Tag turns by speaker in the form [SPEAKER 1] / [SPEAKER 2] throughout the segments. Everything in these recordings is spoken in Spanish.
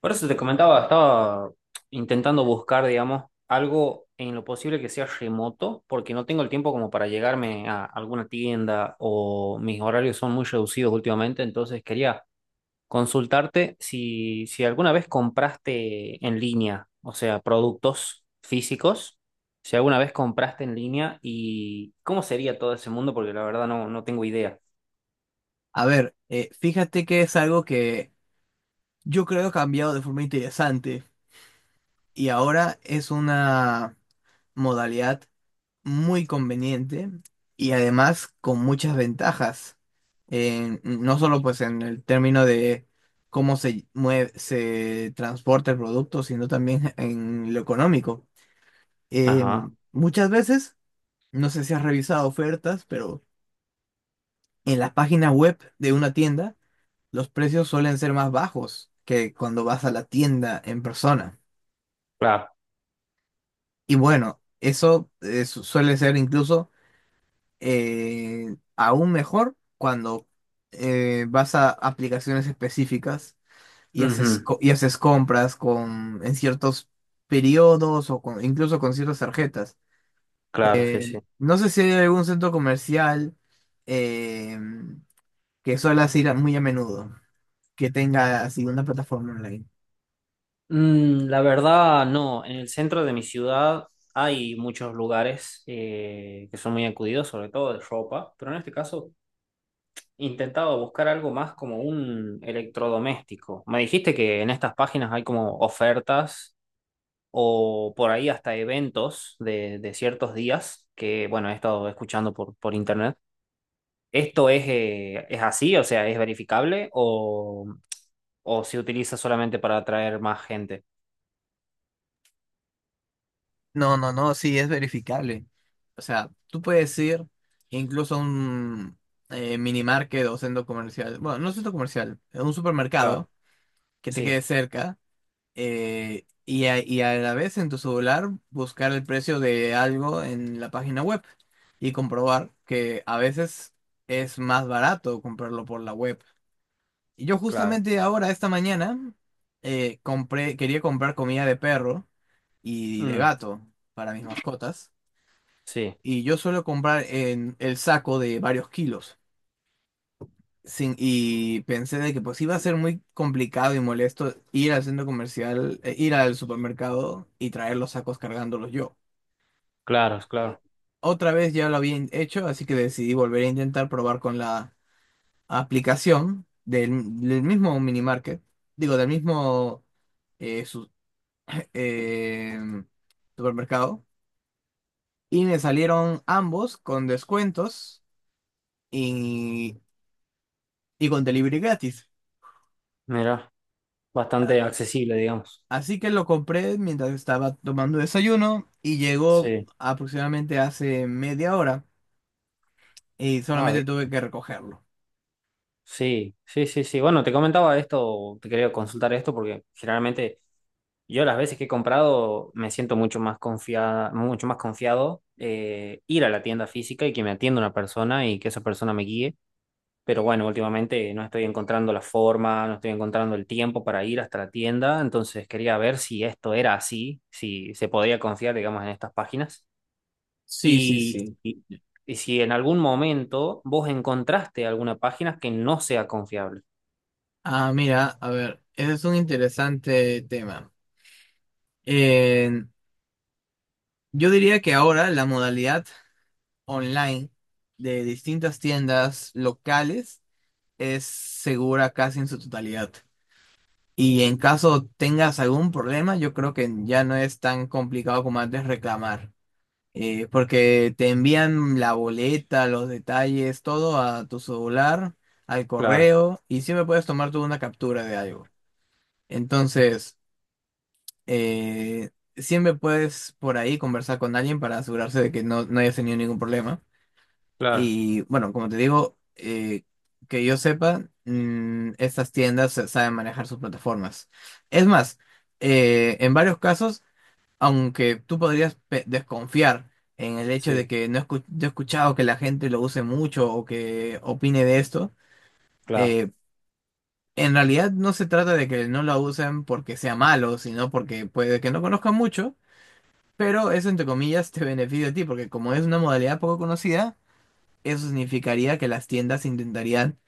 [SPEAKER 1] Por eso te comentaba, estaba intentando buscar, digamos, algo en lo posible que sea remoto, porque no tengo el tiempo como para llegarme a alguna tienda o mis horarios son muy reducidos últimamente, entonces quería consultarte si alguna vez compraste en línea, o sea, productos físicos, si alguna vez compraste en línea y cómo sería todo ese mundo, porque la verdad no tengo idea.
[SPEAKER 2] A ver, fíjate que es algo que yo creo ha cambiado de forma interesante y ahora es una modalidad muy conveniente y además con muchas ventajas. No solo pues en el término de cómo se mueve, se transporta el producto, sino también en lo económico. Eh,
[SPEAKER 1] Ajá,
[SPEAKER 2] Muchas veces, no sé si has revisado ofertas, pero en las páginas web de una tienda, los precios suelen ser más bajos que cuando vas a la tienda en persona.
[SPEAKER 1] claro.
[SPEAKER 2] Y bueno, eso suele ser incluso aún mejor cuando vas a aplicaciones específicas y
[SPEAKER 1] Ujú.
[SPEAKER 2] y haces compras con, en ciertos periodos o incluso con ciertas tarjetas.
[SPEAKER 1] Claro, sí,
[SPEAKER 2] Eh,
[SPEAKER 1] sí.
[SPEAKER 2] no sé si hay algún centro comercial eh, que suelas muy a menudo, que tenga así una plataforma online.
[SPEAKER 1] Mm, la verdad, no. En el centro de mi ciudad hay muchos lugares que son muy acudidos, sobre todo de ropa, pero en este caso intentaba buscar algo más como un electrodoméstico. Me dijiste que en estas páginas hay como ofertas o por ahí hasta eventos de ciertos días que, bueno, he estado escuchando por internet. ¿Esto es así? O sea, ¿es verificable o se utiliza solamente para atraer más gente?
[SPEAKER 2] No, no, no, sí, es verificable. O sea, tú puedes ir incluso a un mini market o centro comercial, bueno, no centro comercial, a un
[SPEAKER 1] Claro,
[SPEAKER 2] supermercado que te
[SPEAKER 1] sí,
[SPEAKER 2] quede cerca, y, y a la vez en tu celular buscar el precio de algo en la página web y comprobar que a veces es más barato comprarlo por la web. Y yo
[SPEAKER 1] claro.
[SPEAKER 2] justamente ahora, esta mañana, compré, quería comprar comida de perro y de
[SPEAKER 1] Mm,
[SPEAKER 2] gato para mis mascotas.
[SPEAKER 1] sí,
[SPEAKER 2] Y yo suelo comprar en el saco de varios kilos. Sin, Y pensé de que pues iba a ser muy complicado y molesto ir al centro comercial, ir al supermercado y traer los sacos cargándolos yo.
[SPEAKER 1] claro,
[SPEAKER 2] Eh,
[SPEAKER 1] claro.
[SPEAKER 2] Otra vez ya lo había hecho, así que decidí volver a intentar probar con la aplicación del, del mismo mini market, digo, del mismo eh, su- em, supermercado. Y me salieron ambos con descuentos y con delivery gratis.
[SPEAKER 1] Mira, bastante accesible, digamos.
[SPEAKER 2] Así que lo compré mientras estaba tomando desayuno y llegó
[SPEAKER 1] Sí.
[SPEAKER 2] aproximadamente hace media hora y
[SPEAKER 1] Ah, bien.
[SPEAKER 2] solamente tuve que recogerlo.
[SPEAKER 1] Sí, sí, sí, sí. Bueno, te comentaba esto, te quería consultar esto porque generalmente yo las veces que he comprado me siento mucho más confiada, mucho más confiado, ir a la tienda física y que me atienda una persona y que esa persona me guíe. Pero bueno, últimamente no estoy encontrando la forma, no estoy encontrando el tiempo para ir hasta la tienda, entonces quería ver si esto era así, si se podía confiar, digamos, en estas páginas.
[SPEAKER 2] Sí, sí,
[SPEAKER 1] Y,
[SPEAKER 2] sí.
[SPEAKER 1] y- y si en algún momento vos encontraste alguna página que no sea confiable.
[SPEAKER 2] Ah, mira, a ver, ese es un interesante tema. Eh, yo diría que ahora la modalidad online de distintas tiendas locales es segura casi en su totalidad. Y en caso tengas algún problema, yo creo que ya no es tan complicado como antes reclamar. Porque te envían la boleta, los detalles, todo a tu celular, al
[SPEAKER 1] Claro,
[SPEAKER 2] correo, y siempre puedes tomar tú una captura de algo. Entonces, eh, siempre puedes por ahí conversar con alguien para asegurarse de que no, no hayas tenido ningún problema.
[SPEAKER 1] claro,
[SPEAKER 2] Y bueno, como te digo, que yo sepa, estas tiendas saben manejar sus plataformas. Es más, en varios casos aunque tú podrías desconfiar en el hecho de
[SPEAKER 1] sí,
[SPEAKER 2] que no escu- yo he escuchado que la gente lo use mucho o que opine de esto,
[SPEAKER 1] claro.
[SPEAKER 2] eh, en realidad no se trata de que no lo usen porque sea malo, sino porque puede que no conozcan mucho, pero eso entre comillas te beneficia a ti, porque como es una modalidad poco conocida, eso significaría que las tiendas intentarían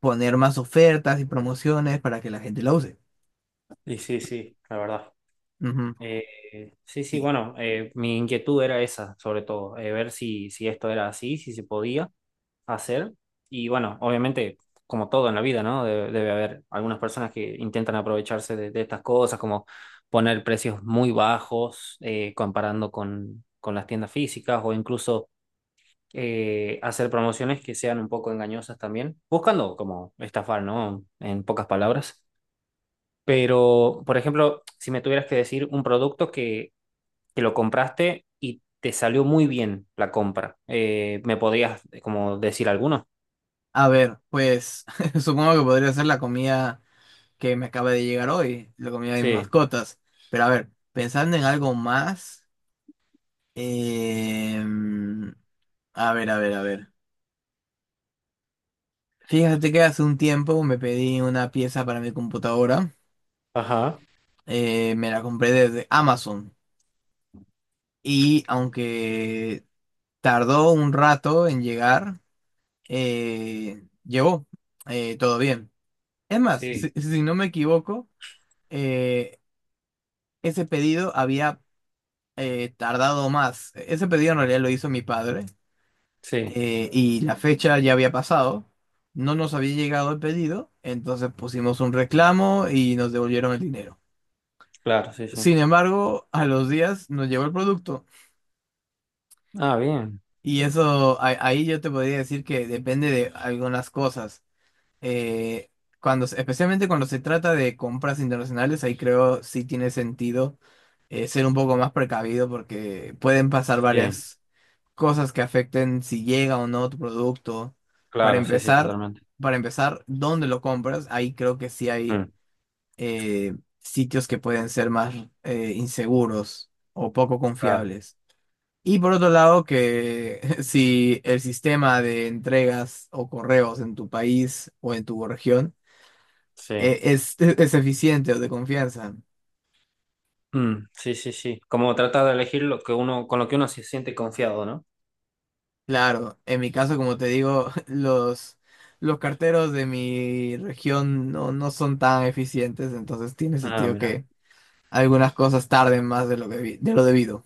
[SPEAKER 2] poner más ofertas y promociones para que la gente la use.
[SPEAKER 1] Y sí, sí, la verdad.
[SPEAKER 2] Ujú.
[SPEAKER 1] Sí, sí,
[SPEAKER 2] Y
[SPEAKER 1] bueno, mi inquietud era esa, sobre todo, ver si esto era así, si se podía hacer. Y bueno, obviamente, como todo en la vida, ¿no? Debe, debe haber algunas personas que intentan aprovecharse de estas cosas, como poner precios muy bajos, comparando con las tiendas físicas o incluso, hacer promociones que sean un poco engañosas también, buscando como estafar, ¿no? En pocas palabras. Pero, por ejemplo, si me tuvieras que decir un producto que lo compraste y te salió muy bien la compra, ¿me podrías como decir alguno?
[SPEAKER 2] a ver, pues supongo que podría ser la comida que me acaba de llegar hoy, la comida de mis
[SPEAKER 1] Sí,
[SPEAKER 2] mascotas. Pero a ver, pensando en algo más, em, a ver, a ver, a ver. Fíjate que hace un tiempo me pedí una pieza para mi computadora,
[SPEAKER 1] ajá,
[SPEAKER 2] me la compré desde Amazon y aunque tardó un rato en llegar, llegó, todo bien. Es más,
[SPEAKER 1] sí,
[SPEAKER 2] si no me equivoco, eh, ese pedido había tardado más. Ese pedido en realidad lo hizo mi padre,
[SPEAKER 1] sí,
[SPEAKER 2] y la fecha ya había pasado. No nos había llegado el pedido, entonces pusimos un reclamo y nos devolvieron el dinero.
[SPEAKER 1] claro, sí, sí.
[SPEAKER 2] Sin embargo, a los días nos llegó el producto
[SPEAKER 1] Ah, bien,
[SPEAKER 2] y eso ahí yo te podría decir que depende de algunas cosas. Eh, Especialmente cuando se trata de compras internacionales, ahí creo sí tiene sentido ser un poco más precavido porque pueden pasar
[SPEAKER 1] sí,
[SPEAKER 2] varias cosas que afecten si llega o no tu producto. Para
[SPEAKER 1] claro, sí, sí,
[SPEAKER 2] empezar,
[SPEAKER 1] totalmente.
[SPEAKER 2] para empezar, ¿dónde lo compras? Ahí creo que sí hay
[SPEAKER 1] Mm,
[SPEAKER 2] sitios que pueden ser más inseguros o poco
[SPEAKER 1] claro,
[SPEAKER 2] confiables. Y por otro lado, que si el sistema de entregas o correos en tu país o en tu región
[SPEAKER 1] sí.
[SPEAKER 2] es, es eficiente o de confianza.
[SPEAKER 1] Mm, sí, sí, sí. Como trata de elegir lo que uno, con lo que uno se siente confiado, ¿no?
[SPEAKER 2] Claro, en mi caso, como te digo, los carteros de mi región no, no son tan eficientes, entonces tiene
[SPEAKER 1] Ah,
[SPEAKER 2] sentido
[SPEAKER 1] mira.
[SPEAKER 2] que algunas cosas tarden más de lo, de lo debido.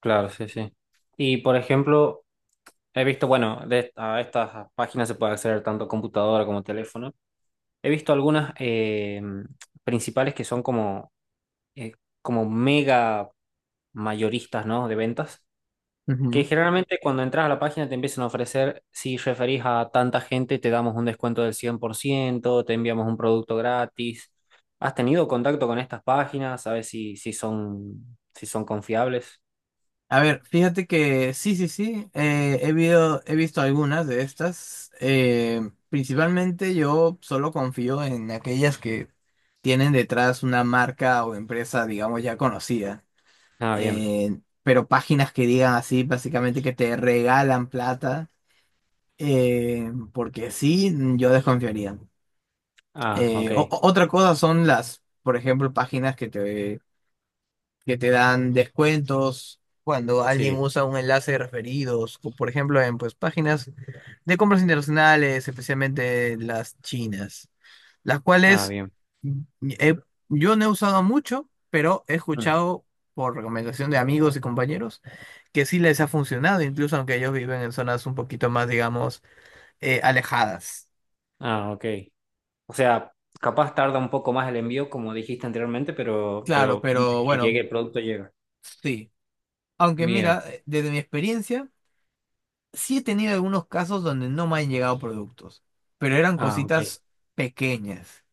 [SPEAKER 1] Claro, sí, sí. Y por ejemplo, he visto, bueno, de, a estas páginas se puede acceder tanto computadora como teléfono. He visto algunas principales que son como, eh, como mega mayoristas, ¿no? De ventas, que
[SPEAKER 2] Ujú.
[SPEAKER 1] generalmente cuando entras a la página te empiezan a ofrecer, si referís a tanta gente, te damos un descuento del 100%, te enviamos un producto gratis. ¿Has tenido contacto con estas páginas? ¿Sabes si son, si son confiables?
[SPEAKER 2] A ver, fíjate que sí, sí, sí, he visto algunas de estas. Principalmente yo solo confío en aquellas que tienen detrás una marca o empresa, digamos, ya conocida.
[SPEAKER 1] Ah, bien.
[SPEAKER 2] Pero páginas que digan así, básicamente que te regalan plata, porque sí, yo desconfiaría.
[SPEAKER 1] Ah, ok.
[SPEAKER 2] Otra cosa son las, por ejemplo, páginas que te dan descuentos cuando alguien
[SPEAKER 1] Sí.
[SPEAKER 2] usa un enlace de referidos, o por ejemplo en pues, páginas de compras internacionales, especialmente las chinas, las
[SPEAKER 1] Ah,
[SPEAKER 2] cuales
[SPEAKER 1] bien.
[SPEAKER 2] he- yo no he usado mucho, pero he
[SPEAKER 1] Mm.
[SPEAKER 2] escuchado por recomendación de amigos y compañeros que sí les ha funcionado, incluso aunque ellos viven en zonas un poquito más, digamos, alejadas.
[SPEAKER 1] Ah, ok. O sea, capaz tarda un poco más el envío, como dijiste anteriormente,
[SPEAKER 2] Claro,
[SPEAKER 1] pero de
[SPEAKER 2] pero
[SPEAKER 1] que
[SPEAKER 2] bueno,
[SPEAKER 1] llegue el producto llega.
[SPEAKER 2] sí. Aunque
[SPEAKER 1] Bien.
[SPEAKER 2] mira, desde mi experiencia, sí he tenido algunos casos donde no me han llegado productos, pero eran
[SPEAKER 1] Ah, ok.
[SPEAKER 2] cositas pequeñas.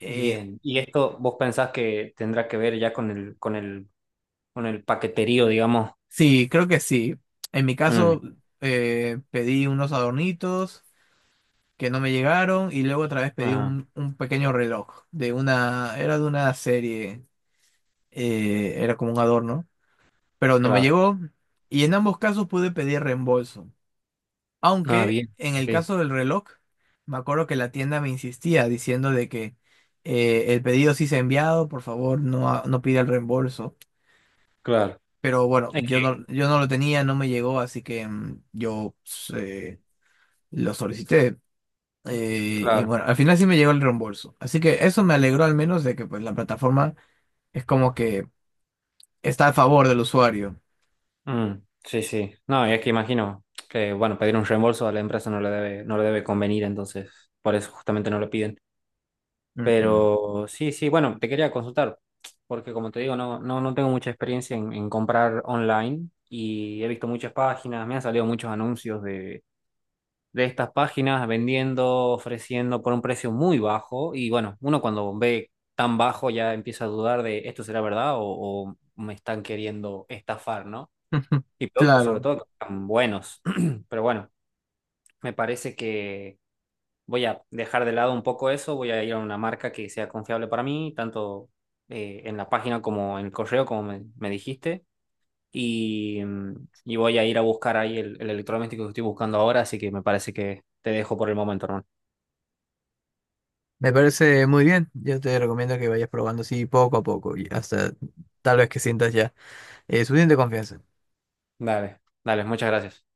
[SPEAKER 2] Eh,
[SPEAKER 1] Bien. ¿Y esto vos pensás que tendrá que ver ya con el paqueterío, digamos?
[SPEAKER 2] sí, creo que sí. En mi
[SPEAKER 1] Mm.
[SPEAKER 2] caso, pedí unos adornitos que no me llegaron y luego otra vez pedí
[SPEAKER 1] Ah,
[SPEAKER 2] un pequeño reloj de una, era de una serie, era como un adorno, pero no me
[SPEAKER 1] claro.
[SPEAKER 2] llegó y en ambos casos pude pedir reembolso.
[SPEAKER 1] Ah,
[SPEAKER 2] Aunque
[SPEAKER 1] bien.
[SPEAKER 2] en el
[SPEAKER 1] Ok.
[SPEAKER 2] caso del reloj, me acuerdo que la tienda me insistía diciendo de que el pedido sí se ha enviado, por favor, no pida el reembolso.
[SPEAKER 1] Claro.
[SPEAKER 2] Pero bueno,
[SPEAKER 1] Es
[SPEAKER 2] yo no,
[SPEAKER 1] que,
[SPEAKER 2] yo no lo tenía, no me llegó, así que yo pues, lo solicité. Y
[SPEAKER 1] claro.
[SPEAKER 2] bueno, al final sí me llegó el reembolso. Así que eso me alegró al menos de que pues la plataforma es como que está a favor del usuario.
[SPEAKER 1] Mm. Sí, sí. No, y es que imagino que, bueno, pedir un reembolso a la empresa no le debe convenir, entonces, por eso justamente no lo piden.
[SPEAKER 2] Ujú.
[SPEAKER 1] Pero sí, sí, bueno, te quería consultar, porque como te digo, no tengo mucha experiencia en comprar online y he visto muchas páginas, me han salido muchos anuncios de estas páginas vendiendo, ofreciendo por un precio muy bajo y bueno, uno cuando ve tan bajo ya empieza a dudar de esto será verdad o me están queriendo estafar, ¿no? Y productos sobre
[SPEAKER 2] Claro.
[SPEAKER 1] todo que están buenos, pero bueno, me parece voy a dejar de lado un poco eso, voy a ir a una marca que sea confiable para mí, tanto en la página como en el correo, como me dijiste, y, mm, y voy a ir a buscar ahí el electrodoméstico que estoy buscando ahora, así que me parece que te dejo por el momento, hermano.
[SPEAKER 2] Me parece muy bien. Yo te recomiendo que vayas probando así poco a poco y hasta tal vez que sientas ya suficiente confianza.
[SPEAKER 1] Dale, dale, muchas gracias.